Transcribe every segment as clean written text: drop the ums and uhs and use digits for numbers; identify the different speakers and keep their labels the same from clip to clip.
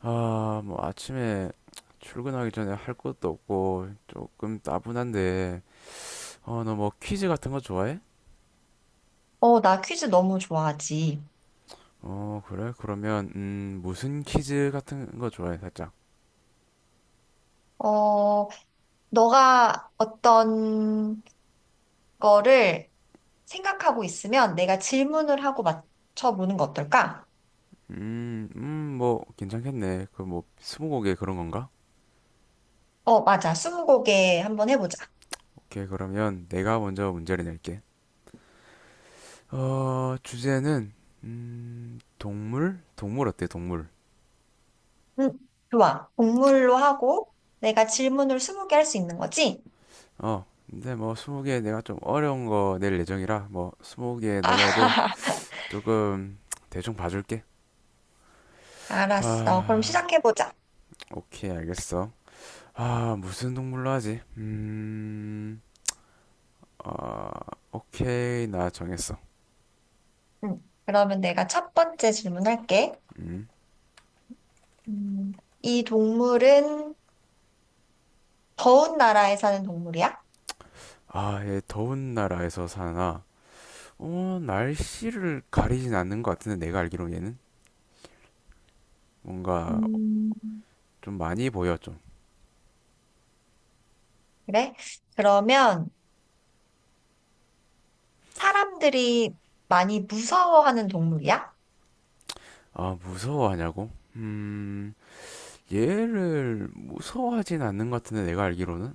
Speaker 1: 아, 뭐 아침에 출근하기 전에 할 것도 없고 조금 따분한데, 어, 너 뭐 퀴즈 같은 거 좋아해?
Speaker 2: 나 퀴즈 너무 좋아하지.
Speaker 1: 어, 그래? 그러면 무슨 퀴즈 같은 거 좋아해, 살짝?
Speaker 2: 어, 너가 어떤 거를 생각하고 있으면 내가 질문을 하고 맞춰보는 거 어떨까?
Speaker 1: 뭐 괜찮겠네. 그 뭐 스무고개 그런 건가?
Speaker 2: 어, 맞아. 스무고개 한번 해보자.
Speaker 1: 오케이, 그러면 내가 먼저 문제를 낼게. 어, 주제는 동물? 동물 어때, 동물?
Speaker 2: 응, 좋아. 동물로 하고 내가 질문을 스무 개 할 수 있는 거지?
Speaker 1: 어, 근데 뭐 스무 개 내가 좀 어려운 거 낼 예정이라 뭐 스무 개 넘어도
Speaker 2: 아,
Speaker 1: 조금 대충 봐줄게.
Speaker 2: 알았어. 그럼
Speaker 1: 아,
Speaker 2: 시작해보자.
Speaker 1: 오케이, 알겠어. 아, 무슨 동물로 하지? 아, 오케이, 나 정했어.
Speaker 2: 응, 그러면 내가 첫 번째 질문할게.
Speaker 1: 음,
Speaker 2: 음, 이 동물은 더운 나라에 사는 동물이야?
Speaker 1: 아, 얘 더운 나라에서 사나? 어, 날씨를 가리진 않는 것 같은데, 내가 알기로 얘는? 뭔가
Speaker 2: 음.
Speaker 1: 좀 많이 보여, 좀.
Speaker 2: 그래? 그러면 사람들이 많이 무서워하는 동물이야?
Speaker 1: 아, 무서워하냐고? 얘를 무서워하진 않는 것 같은데, 내가 알기로는?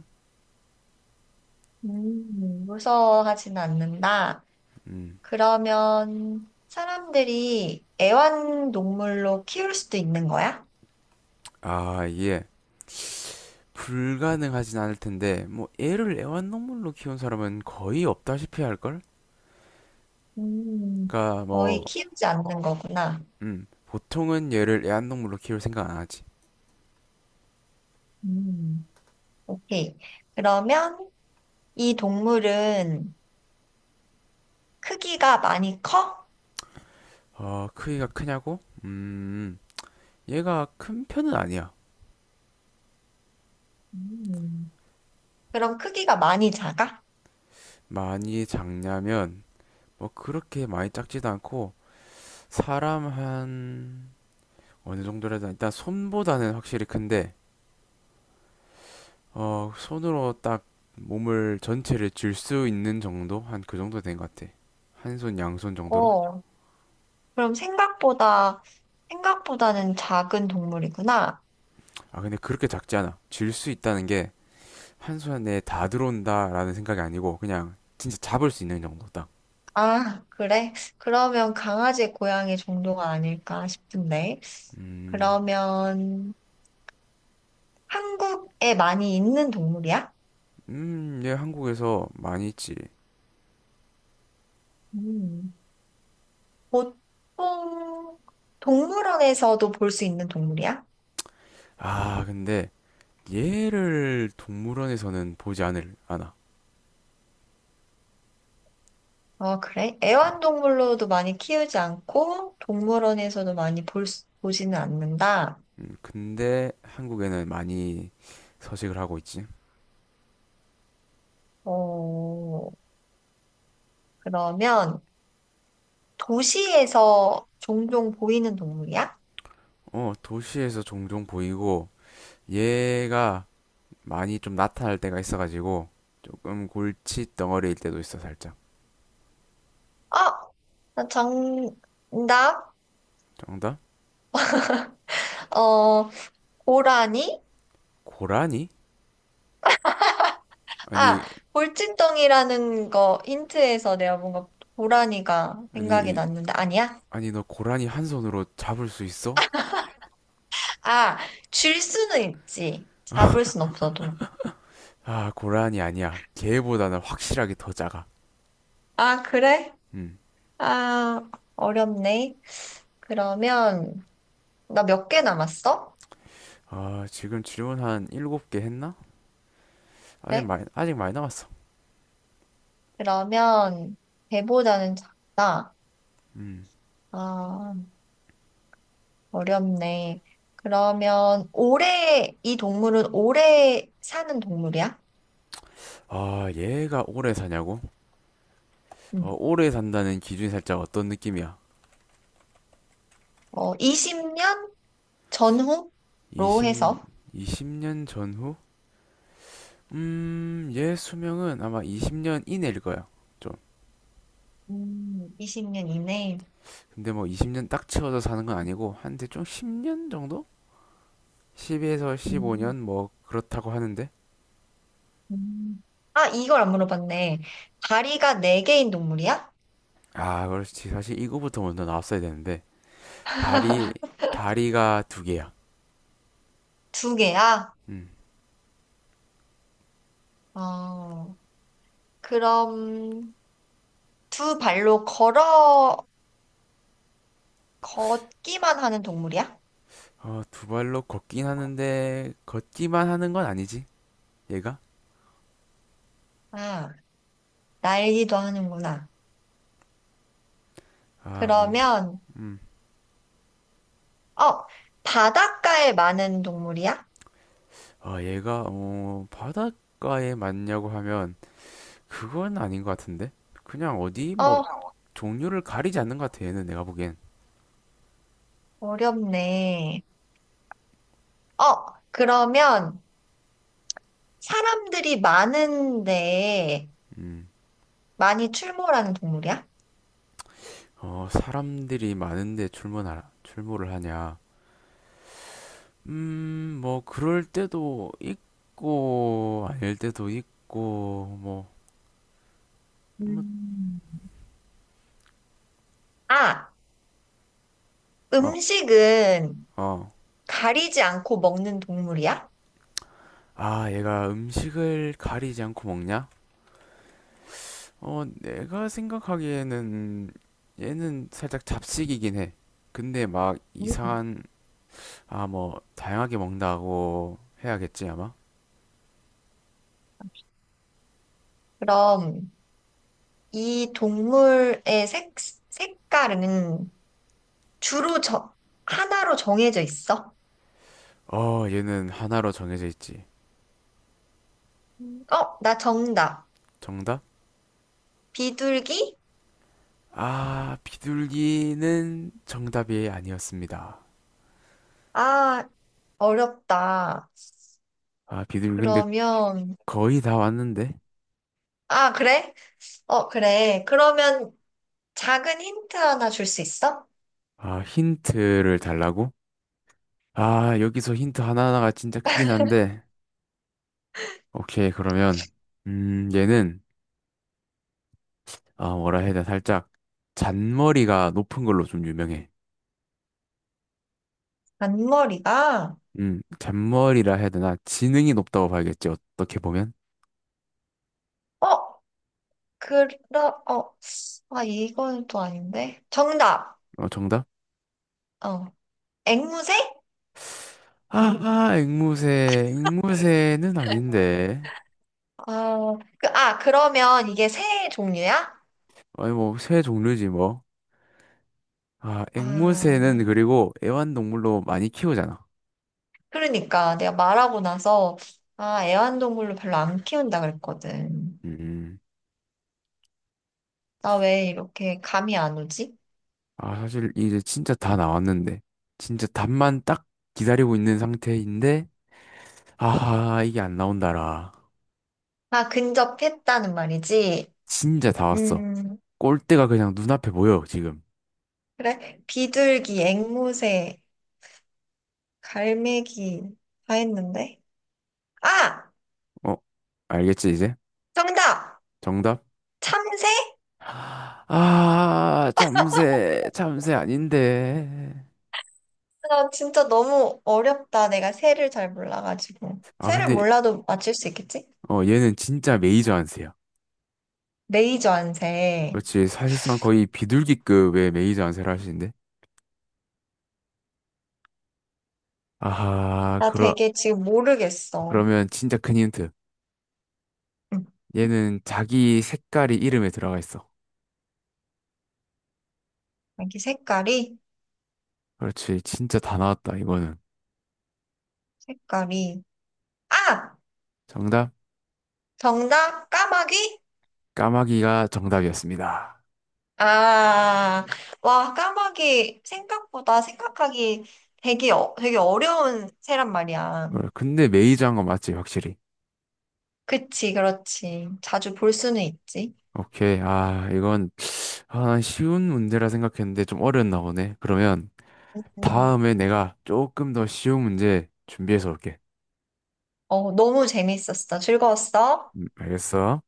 Speaker 2: 무서워하진 않는다.
Speaker 1: 음,
Speaker 2: 그러면 사람들이 애완동물로 키울 수도 있는 거야?
Speaker 1: 아, 얘. 불가능하진 않을 텐데, 뭐, 애를 애완동물로 키운 사람은 거의 없다시피 할걸?
Speaker 2: 음,
Speaker 1: 그러니까
Speaker 2: 거의
Speaker 1: 뭐
Speaker 2: 키우지 않는 거구나.
Speaker 1: 보통은 얘를 애완동물로 키울 생각 안 하지.
Speaker 2: 음, 오케이. 그러면 이 동물은 크기가 많이 커?
Speaker 1: 어, 크기가 크냐고? 얘가 큰 편은 아니야.
Speaker 2: 음, 그럼 크기가 많이 작아?
Speaker 1: 많이 작냐면 뭐 그렇게 많이 작지도 않고 사람 한 어느 정도라 든 일단 손보다는 확실히 큰데 어, 손으로 딱 몸을 전체를 쥘 수 있는 정도? 한 그 정도 된 것 같아. 한 손, 양손 정도로?
Speaker 2: 어, 그럼 생각보다는 작은 동물이구나.
Speaker 1: 아, 근데 그렇게 작지 않아. 쥘 수 있다는 게 한손에다 들어온다라는 생각이 아니고 그냥 진짜 잡을 수 있는 정도 딱.
Speaker 2: 아, 그래? 그러면 강아지, 고양이 정도가 아닐까 싶은데.
Speaker 1: 음,
Speaker 2: 그러면 한국에 많이 있는 동물이야?
Speaker 1: 얘 한국에서 많이 있지.
Speaker 2: 음, 보통 동물원에서도 볼 수 있는 동물이야?
Speaker 1: 아, 근데 얘를 동물원에서는 보지 않을 않아.
Speaker 2: 어, 그래? 애완동물로도 많이 키우지 않고 동물원에서도 많이 보지는 않는다.
Speaker 1: 근데 한국에는 많이 서식을 하고 있지.
Speaker 2: 어, 그러면 도시에서 종종 보이는 동물이야?
Speaker 1: 어, 도시에서 종종 보이고 얘가 많이 좀 나타날 때가 있어가지고 조금 골치 덩어리일 때도 있어 살짝.
Speaker 2: 아, 나 정답.
Speaker 1: 정답?
Speaker 2: 어, 고라니?
Speaker 1: 고라니?
Speaker 2: 아,
Speaker 1: 아니,
Speaker 2: 골칫덩이라는 거 힌트에서 내가 뭔가 고라니가 생각이
Speaker 1: 아니,
Speaker 2: 났는데 아니야?
Speaker 1: 아니 너 고라니 한 손으로 잡을 수 있어?
Speaker 2: 아, 줄 수는 있지. 잡을 순 없어도.
Speaker 1: 아, 고라니 아니야. 걔보다는 확실하게 더 작아.
Speaker 2: 아, 그래?
Speaker 1: 음.
Speaker 2: 아, 어렵네. 그러면 나 몇 개 남았어?
Speaker 1: 아, 지금 질문 한 일곱 개 했나?
Speaker 2: 그래?
Speaker 1: 아직 많이 남았어.
Speaker 2: 그러면 배보다는 작다.
Speaker 1: 음.
Speaker 2: 아, 어렵네. 그러면 올해 이 동물은 올해 사는 동물이야?
Speaker 1: 아, 얘가 오래 사냐고?
Speaker 2: 응.
Speaker 1: 어, 오래 산다는 기준이 살짝 어떤 느낌이야?
Speaker 2: 어, 20년 전후로
Speaker 1: 20,
Speaker 2: 해서
Speaker 1: 20년 전후? 얘 수명은 아마 20년 이내일 거야. 좀.
Speaker 2: 20년 이내.
Speaker 1: 근데 뭐 20년 딱 채워서 사는 건 아니고, 한데 좀 10년 정도? 10에서
Speaker 2: 음,
Speaker 1: 15년? 뭐, 그렇다고 하는데?
Speaker 2: 음. 아, 이걸 안 물어봤네. 다리가 네개인 동물이야?
Speaker 1: 아, 그렇지. 사실 이거부터 먼저 나왔어야 되는데. 다리, 다리가 두 개야.
Speaker 2: 두개야.
Speaker 1: 음.
Speaker 2: 어, 그럼 두 발로 걸어 걷기만 하는 동물이야?
Speaker 1: 어, 두 발로 걷긴 하는데, 걷기만 하는 건 아니지, 얘가?
Speaker 2: 아, 날기도 하는구나.
Speaker 1: 아, 뭐.
Speaker 2: 그러면 어, 바닷가에 많은 동물이야?
Speaker 1: 아, 얘가, 어, 바닷가에 맞냐고 하면, 그건 아닌 것 같은데? 그냥 어디, 뭐,
Speaker 2: 어,
Speaker 1: 종류를 가리지 않는 것 같아, 얘는 내가 보기엔.
Speaker 2: 어렵네. 어, 그러면 사람들이 많은데
Speaker 1: 음.
Speaker 2: 많이 출몰하는 동물이야?
Speaker 1: 어, 사람들이 많은데 출몰하라, 출몰을 하냐. 뭐, 그럴 때도 있고, 아닐 때도 있고, 뭐, 뭐,
Speaker 2: 음, 아,
Speaker 1: 어,
Speaker 2: 음식은
Speaker 1: 어.
Speaker 2: 가리지 않고 먹는 동물이야?
Speaker 1: 아, 얘가 음식을 가리지 않고 먹냐? 어, 내가 생각하기에는 얘는 살짝 잡식이긴 해. 근데 막
Speaker 2: 음.
Speaker 1: 이상한, 아, 뭐, 다양하게 먹는다고 해야겠지, 아마?
Speaker 2: 그럼 이 동물의 색깔은 주로 하나로 정해져 있어?
Speaker 1: 어, 얘는 하나로 정해져 있지.
Speaker 2: 음. 어, 나 정답.
Speaker 1: 정답?
Speaker 2: 비둘기?
Speaker 1: 아, 비둘기는 정답이 아니었습니다.
Speaker 2: 아, 어렵다.
Speaker 1: 아, 비둘기 근데
Speaker 2: 그러면,
Speaker 1: 거의 다 왔는데?
Speaker 2: 아, 그래? 어, 그래. 그러면 작은 힌트 하나 줄 수 있어?
Speaker 1: 아, 힌트를 달라고? 아, 여기서 힌트 하나하나가 진짜 크긴 한데. 오케이, 그러면, 얘는 아, 뭐라 해야 되나, 살짝 잔머리가 높은 걸로 좀 유명해.
Speaker 2: 앞머리가,
Speaker 1: 잔머리라 해야 되나, 지능이 높다고 봐야겠지, 어떻게 보면.
Speaker 2: 어, 그러, 어, 아, 이건 또 아닌데. 정답!
Speaker 1: 어, 정답?
Speaker 2: 어, 앵무새?
Speaker 1: 아, 앵무새는 아닌데.
Speaker 2: 아, 그러면 이게 새 종류야?
Speaker 1: 아니, 뭐, 새 종류지, 뭐. 아, 앵무새는
Speaker 2: 아,
Speaker 1: 그리고 애완동물로 많이 키우잖아.
Speaker 2: 그러니까 내가 말하고 나서, 아, 애완동물로 별로 안 키운다 그랬거든.
Speaker 1: 음,
Speaker 2: 나 왜 이렇게 감이 안 오지?
Speaker 1: 아, 사실 이제 진짜 다 나왔는데. 진짜 답만 딱 기다리고 있는 상태인데, 아하, 이게 안 나온다라.
Speaker 2: 아, 근접했다는 말이지?
Speaker 1: 진짜 다 왔어.
Speaker 2: 음.
Speaker 1: 꼴대가 그냥 눈앞에 보여, 지금.
Speaker 2: 그래? 비둘기, 앵무새, 갈매기 다 했는데? 아!
Speaker 1: 어, 알겠지, 이제?
Speaker 2: 정답!
Speaker 1: 정답?
Speaker 2: 참새?
Speaker 1: 아, 잠새 아닌데.
Speaker 2: 나 진짜 너무 어렵다. 내가 새를 잘 몰라가지고.
Speaker 1: 아,
Speaker 2: 새를
Speaker 1: 근데,
Speaker 2: 몰라도 맞출 수 있겠지?
Speaker 1: 어, 얘는 진짜 메이저 안세야.
Speaker 2: 레이저 안새.
Speaker 1: 그렇지, 사실상 거의 비둘기급의 메이저 안세를 하시는데. 아하,
Speaker 2: 나
Speaker 1: 그러,
Speaker 2: 되게 지금 모르겠어.
Speaker 1: 그러면 진짜 큰 힌트.
Speaker 2: 응.
Speaker 1: 얘는 자기 색깔이 이름에 들어가 있어.
Speaker 2: 여기 색깔이?
Speaker 1: 그렇지, 진짜 다 나왔다, 이거는.
Speaker 2: 색깔이. 아!
Speaker 1: 정답?
Speaker 2: 정답! 까마귀?
Speaker 1: 까마귀가 정답이었습니다.
Speaker 2: 아, 와, 까마귀 생각보다 생각하기 되게, 되게 어려운 새란 말이야.
Speaker 1: 어, 근데 메이저 한거 맞지, 확실히.
Speaker 2: 그치, 그렇지. 자주 볼 수는 있지.
Speaker 1: 오케이, 아, 이건 아, 난 쉬운 문제라 생각했는데 좀 어려웠나 보네. 그러면
Speaker 2: 음.
Speaker 1: 다음에 내가 조금 더 쉬운 문제 준비해서 올게.
Speaker 2: 어, 너무 재밌었어. 즐거웠어?
Speaker 1: 알겠어?